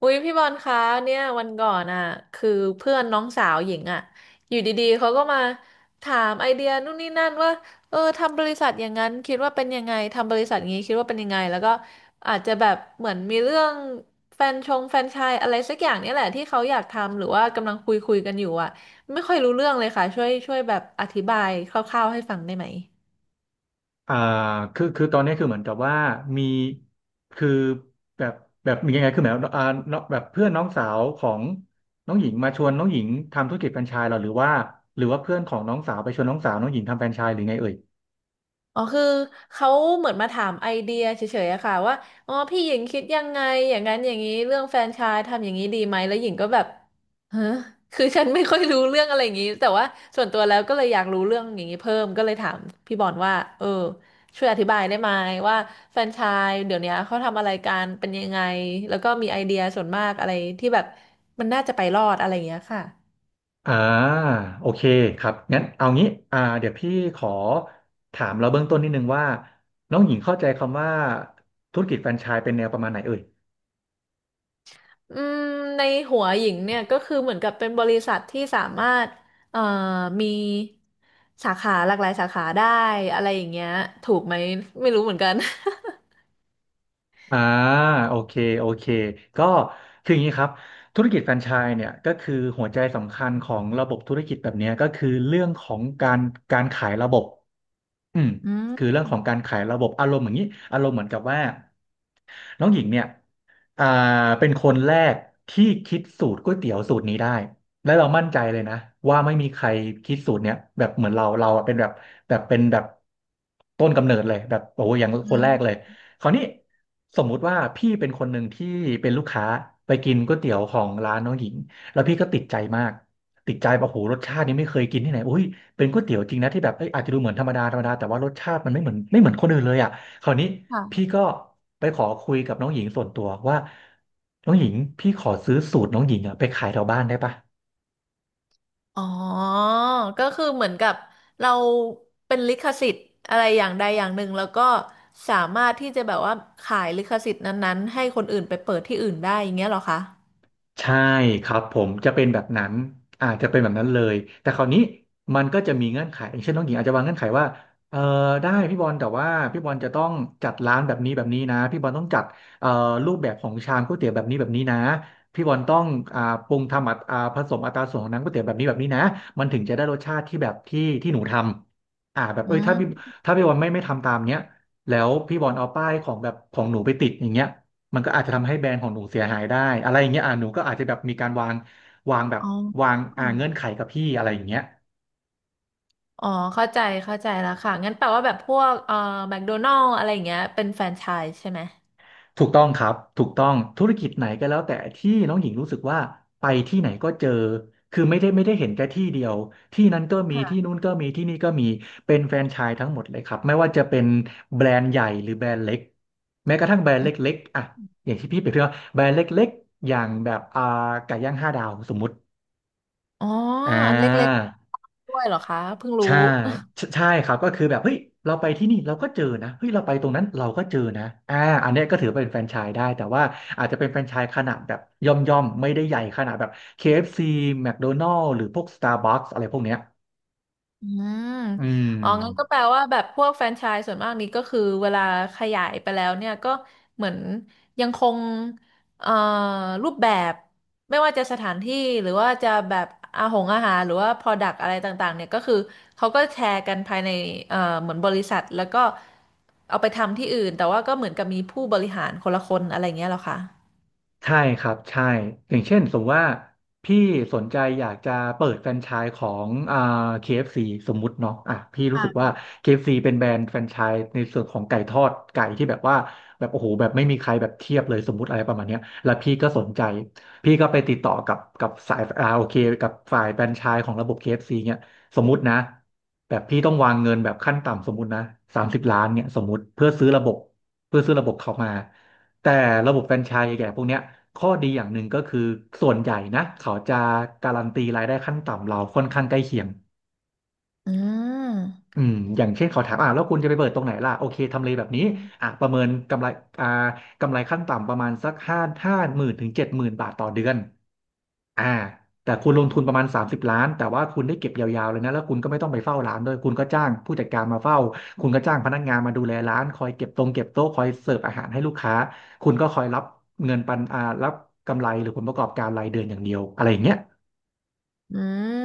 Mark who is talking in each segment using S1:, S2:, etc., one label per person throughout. S1: อุ้ยพี่บอลคะเนี่ยวันก่อนอ่ะคือเพื่อนน้องสาวหญิงอ่ะอยู่ดีๆเขาก็มาถามไอเดียนู่นนี่นั่นว่าเออทำบริษัทอย่างนั้นคิดว่าเป็นยังไงทำบริษัทอย่างนี้คิดว่าเป็นยังไงแล้วก็อาจจะแบบเหมือนมีเรื่องแฟรนไชายอะไรสักอย่างเนี่ยแหละที่เขาอยากทำหรือว่ากำลังคุยกันอยู่อ่ะไม่ค่อยรู้เรื่องเลยค่ะช่วยแบบอธิบายคร่าวๆให้ฟังได้ไหม
S2: อ่าคือตอนนี้คือเหมือนกับว่ามีคือแบบแบบมียังไงคือหมายว่าน้องแบบเพื่อนน้องสาวของน้องหญิงมาชวนน้องหญิงทำธุรกิจแฟรนไชส์เหราหรือว่าเพื่อนของน้องสาวไปชวนน้องสาวน้องหญิงทำแฟรนไชส์หรือไงเอ่ย
S1: อ๋อคือเขาเหมือนมาถามไอเดียเฉยๆอะค่ะว่าอ๋อพี่หญิงคิดยังไงอย่างนั้นอย่างนี้เรื่องแฟรนไชส์ทำอย่างนี้ดีไหมแล้วหญิงก็แบบฮะคือฉันไม่ค่อยรู้เรื่องอะไรอย่างนี้แต่ว่าส่วนตัวแล้วก็เลยอยากรู้เรื่องอย่างนี้เพิ่มก็เลยถามพี่บอลว่าเออช่วยอธิบายได้ไหมว่าแฟรนไชส์เดี๋ยวนี้เขาทำอะไรกันเป็นยังไงแล้วก็มีไอเดียส่วนมากอะไรที่แบบมันน่าจะไปรอดอะไรอย่างเงี้ยค่ะ
S2: อ่าโอเคครับงั้นเอางี้เดี๋ยวพี่ขอถามเราเบื้องต้นนิดนึงว่าน้องหญิงเข้าใจคำว่าธุรกิจแฟรนไชส์เป็นแนวประมาณไหนเอ่ย
S1: อืมในหัวหญิงเนี่ยก็คือเหมือนกับเป็นบริษัทที่สามารถเอ่อมีสาขาหลากหลายสาขาได้อะไรอย่างเงี้ยถูกไหมไม่รู้เหมือนกัน
S2: อ่าโอเคโอเคก็คืออย่างนี้ครับธุรกิจแฟรนไชส์เนี่ยก็คือหัวใจสำคัญของระบบธุรกิจแบบเนี้ยก็คือเรื่องของการขายระบบ อืม
S1: อื
S2: คือ
S1: ม
S2: เรื่องของการขายระบบอารมณ์อย่างนี้อารมณ์เหมือนกับว่าน้องหญิงเนี่ยอ่าเป็นคนแรกที่คิดสูตรก๋วยเตี๋ยวสูตรนี้ได้และเรามั่นใจเลยนะว่าไม่มีใครคิดสูตรเนี้ยแบบเหมือนเราอะเป็นแบบแบบเป็นแบบต้นกำเนิดเลยแบบโอ้โหอย่าง
S1: อื
S2: คนแรกเลย
S1: ม
S2: คราวนี้สมมุติว่าพี่เป็นคนหนึ่งที่เป็นลูกค้าไปกินก๋วยเตี๋ยวของร้านน้องหญิงแล้วพี่ก็ติดใจมากติดใจแบบโอ้โหรสชาตินี้ไม่เคยกินที่ไหนอุ้ย เป็นก๋วยเตี๋ยวจริงนะที่แบบเอ้ยอาจจะดูเหมือนธรรมดาธรรมดาแต่ว่ารสชาติมันไม่เหมือนคนอื่นเลยอ่ะคราวนี้พี่
S1: ค่ะ
S2: ก็ไปขอคุยกับน้องหญิงส่วนตัวว่าน้องหญิงพี่ขอซื้อสูตรน้องหญิงอ่ะไปขายแถวบ้านได้ปะ
S1: อ๋อก็คือเหมือนกับเราเป็นลิขสิทธิ์อะไรอย่างใดอย่างหนึ่งแล้วก็สามารถที่จะแบบว่าขายลิขสิทธิ์นั้นๆให้คนอื่นไปเปิดที่อื่นได้อย่างเงี้ยเหรอคะ
S2: ใช่ครับผมจะเป็นแบบนั้นอาจจะเป็นแบบนั้นเลยแต่คราวนี้มันก็จะมีเงื่อนไขอย่างเช่นน้องหญิงอาจจะวางเงื่อนไขว่าเออได้พี่บอลแต่ว่าพี่บอลจะต้องจัดร้านแบบนี้แบบนี้นะพี่บอลต้องจัดเอ่อรูปแบบของชามก๋วยเตี๋ยวแบบนี้แบบนี้นะพี่บอลต้องอ่าปรุงทำอัตอ่าผสมอัตราส่วนของน้ำก๋วยเตี๋ยวแบบนี้แบบนี้นะมันถึงจะได้รสชาติที่แบบที่หนูทำแบบ
S1: อื
S2: เอ้ย
S1: ม
S2: ถ้าพี่บอลไม่ทำตามเนี้ยแล้วพี่บอลเอาป้ายของแบบของหนูไปติดอย่างเงี้ย มันก็อาจจะทำให้แบรนด์ของหนูเสียหายได้อะไรอย่างเงี้ยอ่ะหนูก็อาจจะแบบมีการวางแบบ
S1: อ๋
S2: วาง
S1: อ
S2: อ่าเงื่อนไขกับพี่อะไรอย่างเงี้ย
S1: อ๋อเข้าใจเข้าใจแล้วค่ะงั้นแปลว่าแบบพวกแมคโดนัลอะไรอย่างเงี้ยเป็นแฟรนไชส์ใช่ไหม
S2: ถูกต้องครับถูกต้องธุรกิจไหนก็แล้วแต่ที่น้องหญิงรู้สึกว่าไปที่ไหนก็เจอคือไม่ได้เห็นแค่ที่เดียวที่นั้นก็มีที่
S1: ค่ะ
S2: นู้นก็มีที่นี่ก็มีเป็นแฟรนไชส์ทั้งหมดเลยครับไม่ว่าจะเป็นแบรนด์ใหญ่หรือแบรนด์เล็กแม้กระทั่งแบรนด์เล
S1: อม
S2: ็กๆอ่ะอย่างที่พี่เปรียบเทียบว่าแบรนด์เล็กๆอย่างแบบไก่ย่างห้าดาวสมมุติ
S1: อ๋อ
S2: อ่
S1: อันเล็ก
S2: า
S1: ๆด้วยเหรอคะเพิ่งรู้
S2: ใช่ใช่ใช่ครับก็คือแบบเฮ้ยเราไปที่นี่เราก็เจอนะเฮ้ยเราไปตรงนั้นเราก็เจอนะอ่าอันเนี้ยก็ถือเป็นแฟรนไชส์ได้แต่ว่าอาจจะเป็นแฟรนไชส์ขนาดแบบย่อมไม่ได้ใหญ่ขนาดแบบ KFC McDonald's หรือพวก Starbucks อะไรพวกเนี้ย
S1: อืม
S2: อืม
S1: อ๋องั้นก็แปลว่าแบบพวกแฟรนไชส์ส่วนมากนี้ก็คือเวลาขยายไปแล้วเนี่ยก็เหมือนยังคงเอ่อรูปแบบไม่ว่าจะสถานที่หรือว่าจะแบบอาหารหรือว่า Product อะไรต่างๆเนี่ยก็คือเขาก็แชร์กันภายในเอ่อเหมือนบริษัทแล้วก็เอาไปทำที่อื่นแต่ว่าก็เหมือนกับมีผู้บริหารคนละคนอะไรเงี้ยเหรอคะ
S2: ใช่ครับใช่อย่างเช่นสมมติว่าพี่สนใจอยากจะเปิดแฟรนไชส์ของKFC สมมุติเนาะอ่ะพี่รู้สึกว่า KFC เอฟซีเป็นแบรนด์แฟรนไชส์ในส่วนของไก่ทอดที่แบบว่าแบบโอ้โหแบบไม่มีใครแบบเทียบเลยสมมุติอะไรประมาณเนี้ยแล้วพี่ก็สนใจพี่ก็ไปติดต่อกับสายโอเคกับฝ่ายแฟรนไชส์ของระบบ KFC เอฟซีเนี่ยสมมุตินะแบบพี่ต้องวางเงินแบบขั้นต่ำสมมุตินะ30 ล้านเนี่ยสมมุติเพื่อซื้อระบบเพื่อซื้อระบบเขามา แต่ระบบแฟรนไชส์แก่พวกเนี้ยข้อดีอย่างหนึ่งก็คือส่วนใหญ่นะเขาจะการันตีรายได้ขั้นต่ำเราค่อนข้างใกล้เคียง
S1: อืม
S2: อืมอย่างเช่นเขาถามอ่ะแล้วคุณจะไปเปิดตรงไหนล่ะโอเคทำเลแบบนี้อ่ะประเมินกำไรอ่ากำไรขั้นต่ำประมาณสักห้าหมื่นถึง70,000บาทต่อเดือน อ่าแต่คุณลงทุนประมาณ30 ล้านแต่ว่าคุณได้เก็บยาวๆเลยนะแล้วคุณก็ไม่ต้องไปเฝ้าร้านด้วยคุณก็จ้างผู้จัดการมาเฝ้าคุณก็จ้างพนักงานมาดูแลร้านคอยเก็บตรงเก็บโต๊ะคอยเสิร์ฟอาหารให้ลูกค้าคุณก็คอยรับเงินปันอ่ารับกำไรหรือผลประกอบการรายเดือนอย่างเดียวอะไรอย่างเงี้ย
S1: อืม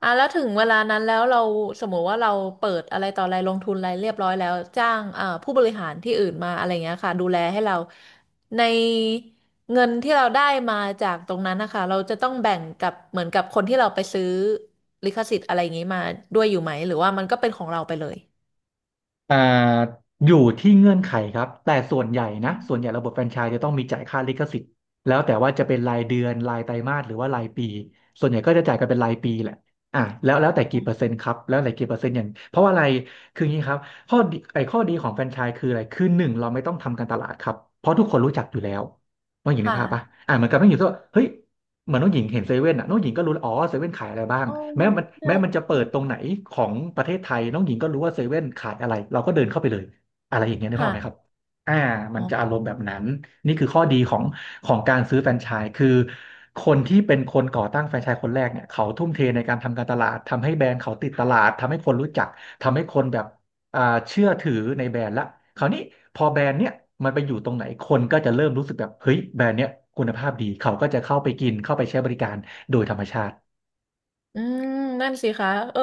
S1: อ่ะแล้วถึงเวลานั้นแล้วเราสมมติว่าเราเปิดอะไรต่ออะไรลงทุนอะไรเรียบร้อยแล้วจ้างผู้บริหารที่อื่นมาอะไรเงี้ยค่ะดูแลให้เราในเงินที่เราได้มาจากตรงนั้นนะคะเราจะต้องแบ่งกับเหมือนกับคนที่เราไปซื้อลิขสิทธิ์อะไรอย่างงี้มาด้วยอยู่ไหมหรือว่ามันก็เป็นของเราไปเลย
S2: อ่าอยู่ที่เงื่อนไขครับแต่ส่วนใหญ่นะส่วนใหญ่ระบบแฟรนไชส์จะต้องมีจ่ายค่าลิขสิทธิ์แล้วแต่ว่าจะเป็นรายเดือนรายไตรมาสหรือว่ารายปีส่วนใหญ่ก็จะจ่ายกันเป็นรายปีแหละอ่ะแล้วแต่กี่เปอร์เซ็นต์ครับแล้วแต่กี่เปอร์เซ็นต์อย่างเพราะว่าอะไรคืออย่างนี้ครับข้อดีของแฟรนไชส์คืออะไรคือหนึ่งเราไม่ต้องทำการตลาดครับเพราะทุกคนรู้จักอยู่แล้วว่าอย่างนึกภาพปะ
S1: ค่ะ
S2: อ่ะเหมือนกับไม่อยู่ที่ว่าเฮ้ย เหมือนน้องหญิงเห็นเซเว่นอ่ะน้องหญิงก็รู้แล้วอ๋อเซเว่นขายอะไรบ้าง
S1: อ๋อ
S2: แม้มัน
S1: ใช่
S2: แม้มันจะเปิ
S1: ใช่
S2: ดตรงไหนของประเทศไทยน้องหญิงก็รู้ว่าเซเว่นขายอะไรเราก็เดินเข้าไปเลยอะไรอย่างเงี้ยนึกภาพไหมครับ
S1: ค่ะ
S2: อ่ามั
S1: อ๋
S2: น
S1: อ
S2: จะอารมณ์แบบนั้นนี่คือข้อดีของการซื้อแฟรนไชส์คือคนที่เป็นคนก่อตั้งแฟรนไชส์คนแรกเนี่ยเขาทุ่มเทในการทำการตลาดทำให้แบรนด์เขาติดตลาดทำให้คนรู้จักทำให้คนแบบ อ่าเชื่อถือในแบรนด์ละคราวนี้พอแบรนด์เนี้ยมันไปอยู่ตรงไหนคนก็จะเริ่มรู้สึกแบบเฮ้ยแบรนด์เนี้ยคุณภาพดีเขาก็จะเข้าไปกินเข้าไปใช้บริการโดยธรรมชาติ
S1: อืมนั่นสิคะเออ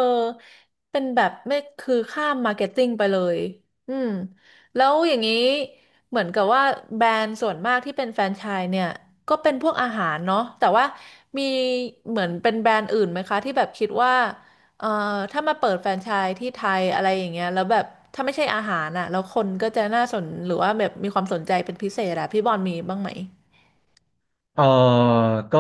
S1: เป็นแบบไม่คือข้ามมาร์เก็ตติ้งไปเลยอืมแล้วอย่างนี้เหมือนกับว่าแบรนด์ส่วนมากที่เป็นแฟรนไชส์เนี่ยก็เป็นพวกอาหารเนาะแต่ว่ามีเหมือนเป็นแบรนด์อื่นไหมคะที่แบบคิดว่าเอ่อถ้ามาเปิดแฟรนไชส์ที่ไทยอะไรอย่างเงี้ยแล้วแบบถ้าไม่ใช่อาหารอ่ะแล้วคนก็จะน่าสนหรือว่าแบบมีความสนใจเป็นพิเศษอะพี่บอลมีบ้างไหม
S2: เออก็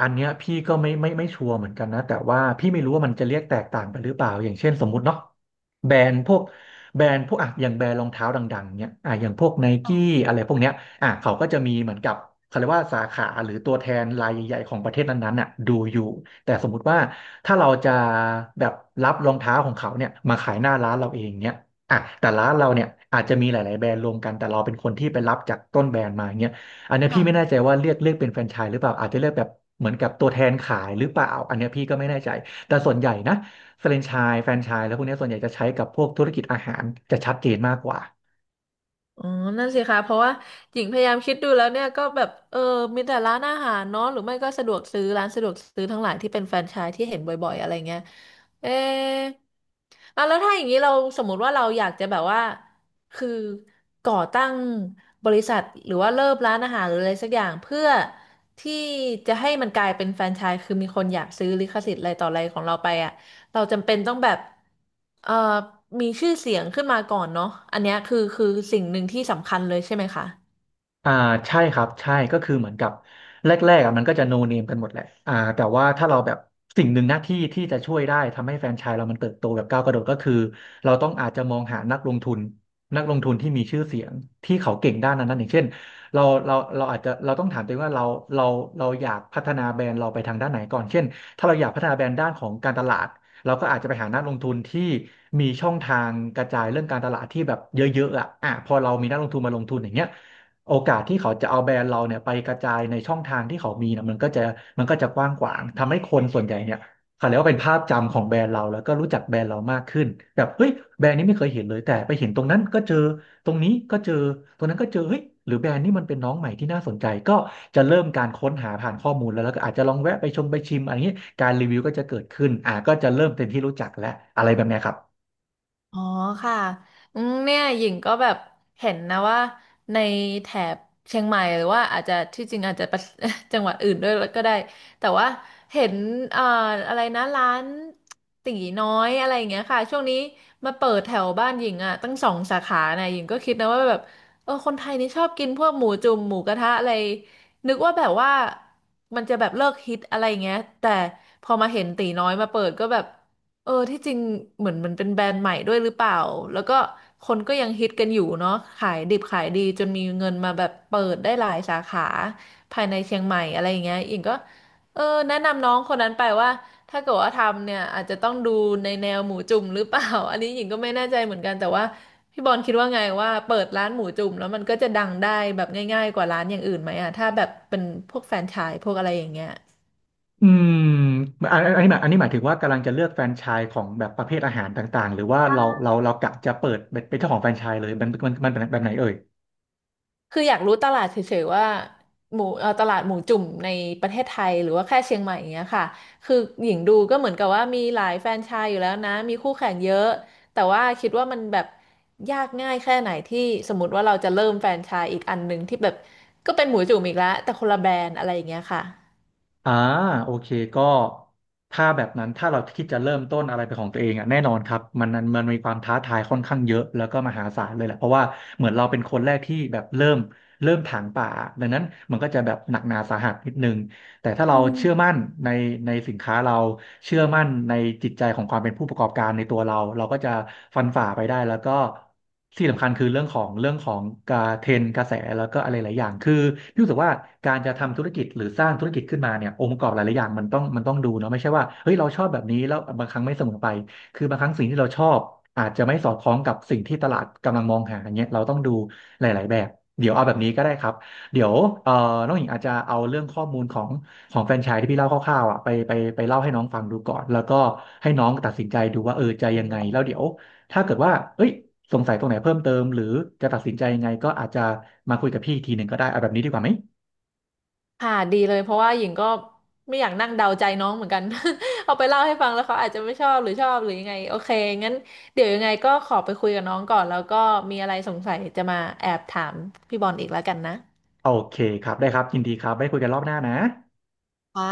S2: อันเนี้ยพี่ก็ไม่ชัวร์เหมือนกันนะแต่ว่าพี่ไม่รู้ว่ามันจะเรียกแตกต่างไปหรือเปล่าอย่างเช่นสมมุติเนาะแบรนด์พวกแบรนด์พวกอ่ะอย่างแบรนด์รองเท้าดังๆเนี่ยอ่ะอย่างพวกไน
S1: อ๋
S2: กี้
S1: อ
S2: อะไรพวกเนี้ยอ่ะเขาก็จะมีเหมือนกับเขาเรียกว่าสาขาหรือตัวแทนรายใหญ่ๆของประเทศนั้นๆน่ะดูอยู่แต่สมมุติว่าถ้าเราจะแบบรับรองเท้าของเขาเนี่ยมาขายหน้าร้านเราเองเนี่ยอ่ะแต่ร้านเราเนี่ยอาจจะมีหลายๆแบรนด์รวมกันแต่เราเป็นคนที่ไปรับจากต้นแบรนด์มาเนี่ย อันเนี้ยพี่ไม่แน่
S1: ค่ะ
S2: ใจว่าเรียกเป็นแฟรนไชส์หรือเปล่า อาจจะเรียกแบบเหมือนกับตัวแทนขายหรือเปล่า อันเนี้ยพี่ก็ไม่แน่ใจ แต่ส่วนใหญ่นะแฟรนไชส์แล้วพวกเนี้ยส่วนใหญ่จะใช้กับพวกธุรกิจอาหารจะชัดเจนมากกว่า
S1: อ๋อนั่นสิคะเพราะว่าหญิงพยายามคิดดูแล้วเนี่ยก็แบบเออมีแต่ร้านอาหารเนาะหรือไม่ก็สะดวกซื้อร้านสะดวกซื้อทั้งหลายที่เป็นแฟรนไชส์ที่เห็นบ่อยๆอะไรเงี้ยเอะอ่ะแล้วถ้าอย่างนี้เราสมมุติว่าเราอยากจะแบบว่าคือก่อตั้งบริษัทหรือว่าเริ่มร้านอาหารหรืออะไรสักอย่างเพื่อที่จะให้มันกลายเป็นแฟรนไชส์คือมีคนอยากซื้อลิขสิทธิ์อะไรต่ออะไรของเราไปอ่ะ เราจำเป็นต้องแบบเอ่อมีชื่อเสียงขึ้นมาก่อนเนาะอันเนี้ยคือสิ่งหนึ่งที่สำคัญเลยใช่ไหมคะ
S2: อ่าใช่ครับใช่ก็คือเหมือนกับแรกๆอ่ะมันก็จะโนเนมกันหมดแหละอ่าแต่ว่าถ้าเราแบบสิ่งหนึ่งหน้าที่ที่จะช่วยได้ทำให้แฟรนไชส์เรามันเติบโตแบบก้าวกระโดดก็คือเราต้องอาจจะมองหานักลงทุนนักลงทุนที่มีชื่อเสียงที่เขาเก่งด้านนั้นนั้นอย่างเช่นเราเราเราอาจจะเราต้องถามตัวเองว่าเราเราอยากพัฒนาแบรนด์เราไปทางด้านไหนก่อนเช่นถ้าเราอยากพัฒนาแบรนด์ด้านของการตลาดเราก็อาจจะไปหานักลงทุนที่มีช่องทางกระจายเรื่องการตลาดที่แบบเยอะๆอ่ะอ่ะพอเรามีนักลงทุนมาลงทุนอย่างเงี้ย โอกาสที่เขาจะเอาแบรนด์เราเนี่ยไปกระจายในช่องทางที่เขามีนะมันก็จะกว้างขวางทำให้คนส่วนใหญ่เนี่ยเขาเรียกว่าเป็นภาพจำของแบรนด์เราแล้วก็รู้จักแบรนด์เรามากขึ้นแบบเฮ้ยแบรนด์นี้ไม่เคยเห็นเลยแต่ไปเห็นตรงนั้นก็เจอตรงนี้ก็เจอตรงนั้นก็เจอเฮ้ยหรือแบรนด์นี้มันเป็นน้องใหม่ที่น่าสนใจก็จะเริ่มการค้นหาผ่านข้อมูลแล้วแล้วก็อาจจะลองแวะไปชมไปชิมอะไรอย่างนี้การรีวิวก็จะเกิดขึ้นอ่าก็จะเริ่มเป็นที่รู้จักและอะไรแบบเนี้ยครับ
S1: อ๋อค่ะอืมเนี่ยหญิงก็แบบเห็นนะว่าในแถบเชียงใหม่หรือว่าอาจจะที่จริงอาจจะประ จังหวัดอื่นด้วยก็ได้แต่ว่าเห็นเอ่ออะไรนะร้านตีน้อยอะไรอย่างเงี้ยค่ะช่วงนี้มาเปิดแถวบ้านหญิงอ่ะตั้ง2 สาขานะหญิงก็คิดนะว่าแบบเออคนไทยนี่ชอบกินพวกหมูจุ่มหมูกระทะอะไรนึกว่าแบบว่ามันจะแบบเลิกฮิตอะไรอย่างเงี้ยแต่พอมาเห็นตีน้อยมาเปิดก็แบบ เออที่จริงเหมือนมันเป็นแบรนด์ใหม่ด้วยหรือเปล่าแล้วก็คนก็ยังฮิตกันอยู่เนาะขายดิบขายดีจนมีเงินมาแบบเปิดได้หลายสาขาภายในเชียงใหม่อะไรอย่างเงี้ยอิงก็เออแนะนำน้องคนนั้นไปว่าถ้าเกิดว่าทำเนี่ยอาจจะต้องดูในแนวหมูจุ่มหรือเปล่า อันนี้หญิงก็ไม่แน่ใจเหมือนกันแต่ว่าพี่บอลคิดว่าไงว่าเปิดร้านหมูจุ่มแล้วมันก็จะดังได้แบบง่ายๆกว่าร้านอย่างอื่นไหมอะถ้าแบบเป็นพวกแฟรนไชส์พวกอะไรอย่างเงี้ย
S2: อืมอันนี้หมายถึงว่ากำลังจะเลือกแฟรนไชส์ของแบบประเภทอาหารต่างๆหรือว่าเรากะจะเปิดเป็นเจ้าของแฟรนไชส์เลยมันแบบไหนเอ่ย
S1: คืออยากรู้ตลาดเฉยๆว่าหมูตลาดหมูจุ่มในประเทศไทยหรือว่าแค่เชียงใหม่อย่างเงี้ยค่ะคือหญิงดูก็เหมือนกับว่ามีหลายแฟรนไชส์อยู่แล้วนะมีคู่แข่งเยอะแต่ว่าคิดว่ามันแบบยากง่ายแค่ไหนที่สมมติว่าเราจะเริ่มแฟรนไชส์อีกอันหนึ่งที่แบบก็เป็นหมูจุ่มอีกแล้วแต่คนละแบรนด์อะไรอย่างเงี้ยค่ะ
S2: อ่าโอเคก็ถ้าแบบนั้นถ้าเราคิดจะเริ่มต้นอะไรเป็นของตัวเองอ่ะแน่นอนครับมันมีความท้าทายค่อนข้างเยอะแล้วก็มหาศาลเลยแหละเพราะว่าเหมือนเราเป็นคนแรกที่แบบเริ่มถางป่าดังนั้นมันก็จะแบบหนักหนาสาหัสนิดนึง แต่ถ้าเราเชื่อมั่นในในสินค้าเราเชื่อมั่นในจิตใจของความเป็นผู้ประกอบการในตัวเราเราก็จะฟันฝ่าไปได้แล้วก็ที่สำคัญคือเรื่องของการเทรนด์กระแสแล้วก็อะไรหลายอย่างคือพี่รู้สึกว่าการจะทำธุรกิจหรือสร้างธุรกิจขึ้นมาเนี่ยองค์ประกอบหลายๆอย่างมันต้องดูเนาะไม่ใช่ว่าเฮ้ยเราชอบแบบนี้แล้วบางครั้งไม่เสมอไปคือบางครั้งสิ่งที่เราชอบอาจจะไม่สอดคล้องกับสิ่งที่ตลาดกำลังมองหาอย่างเงี้ยเราต้องดูหลายๆแบบเดี๋ยวเอาแบบนี้ก็ได้ครับเดี๋ยวเอ่อน้องหญิงอาจจะเอาเรื่องข้อมูลของ ของแฟรนไชส์ที่พี่เล่าคร่าวๆอ่ะไปเล่าให้น้องฟังดูก่อนแล้วก็ให้น้องตัดสินใจดูว่าเออจะยังไงแล้วเดี๋ยวถ้าเกิดว่าเอ้ยสงสัยตรงไหนเพิ่มเติมหรือจะตัดสินใจยังไงก็อาจจะมาคุยกับพี่อีกทีหนึ่งก็ได้เอาแบบนี้ดีกว่าไหม
S1: ค่ะดีเลยเพราะว่าหญิงก็ไม่อยากนั่งเดาใจน้องเหมือนกัน เอาไปเล่าให้ฟังแล้วเขาอาจจะไม่ชอบหรือชอบหรือยังไงโอเคงั้นเดี๋ยวยังไงก็ขอไปคุยกับน้องก่อนแล้วก็มีอะไรสงสัยจะมาแอบถามพี่บอลอีกแล้วกันนะ
S2: โอเคครับได้ครับยินดีครับไว้คุยกันรอบหน้านะ
S1: ค่ะ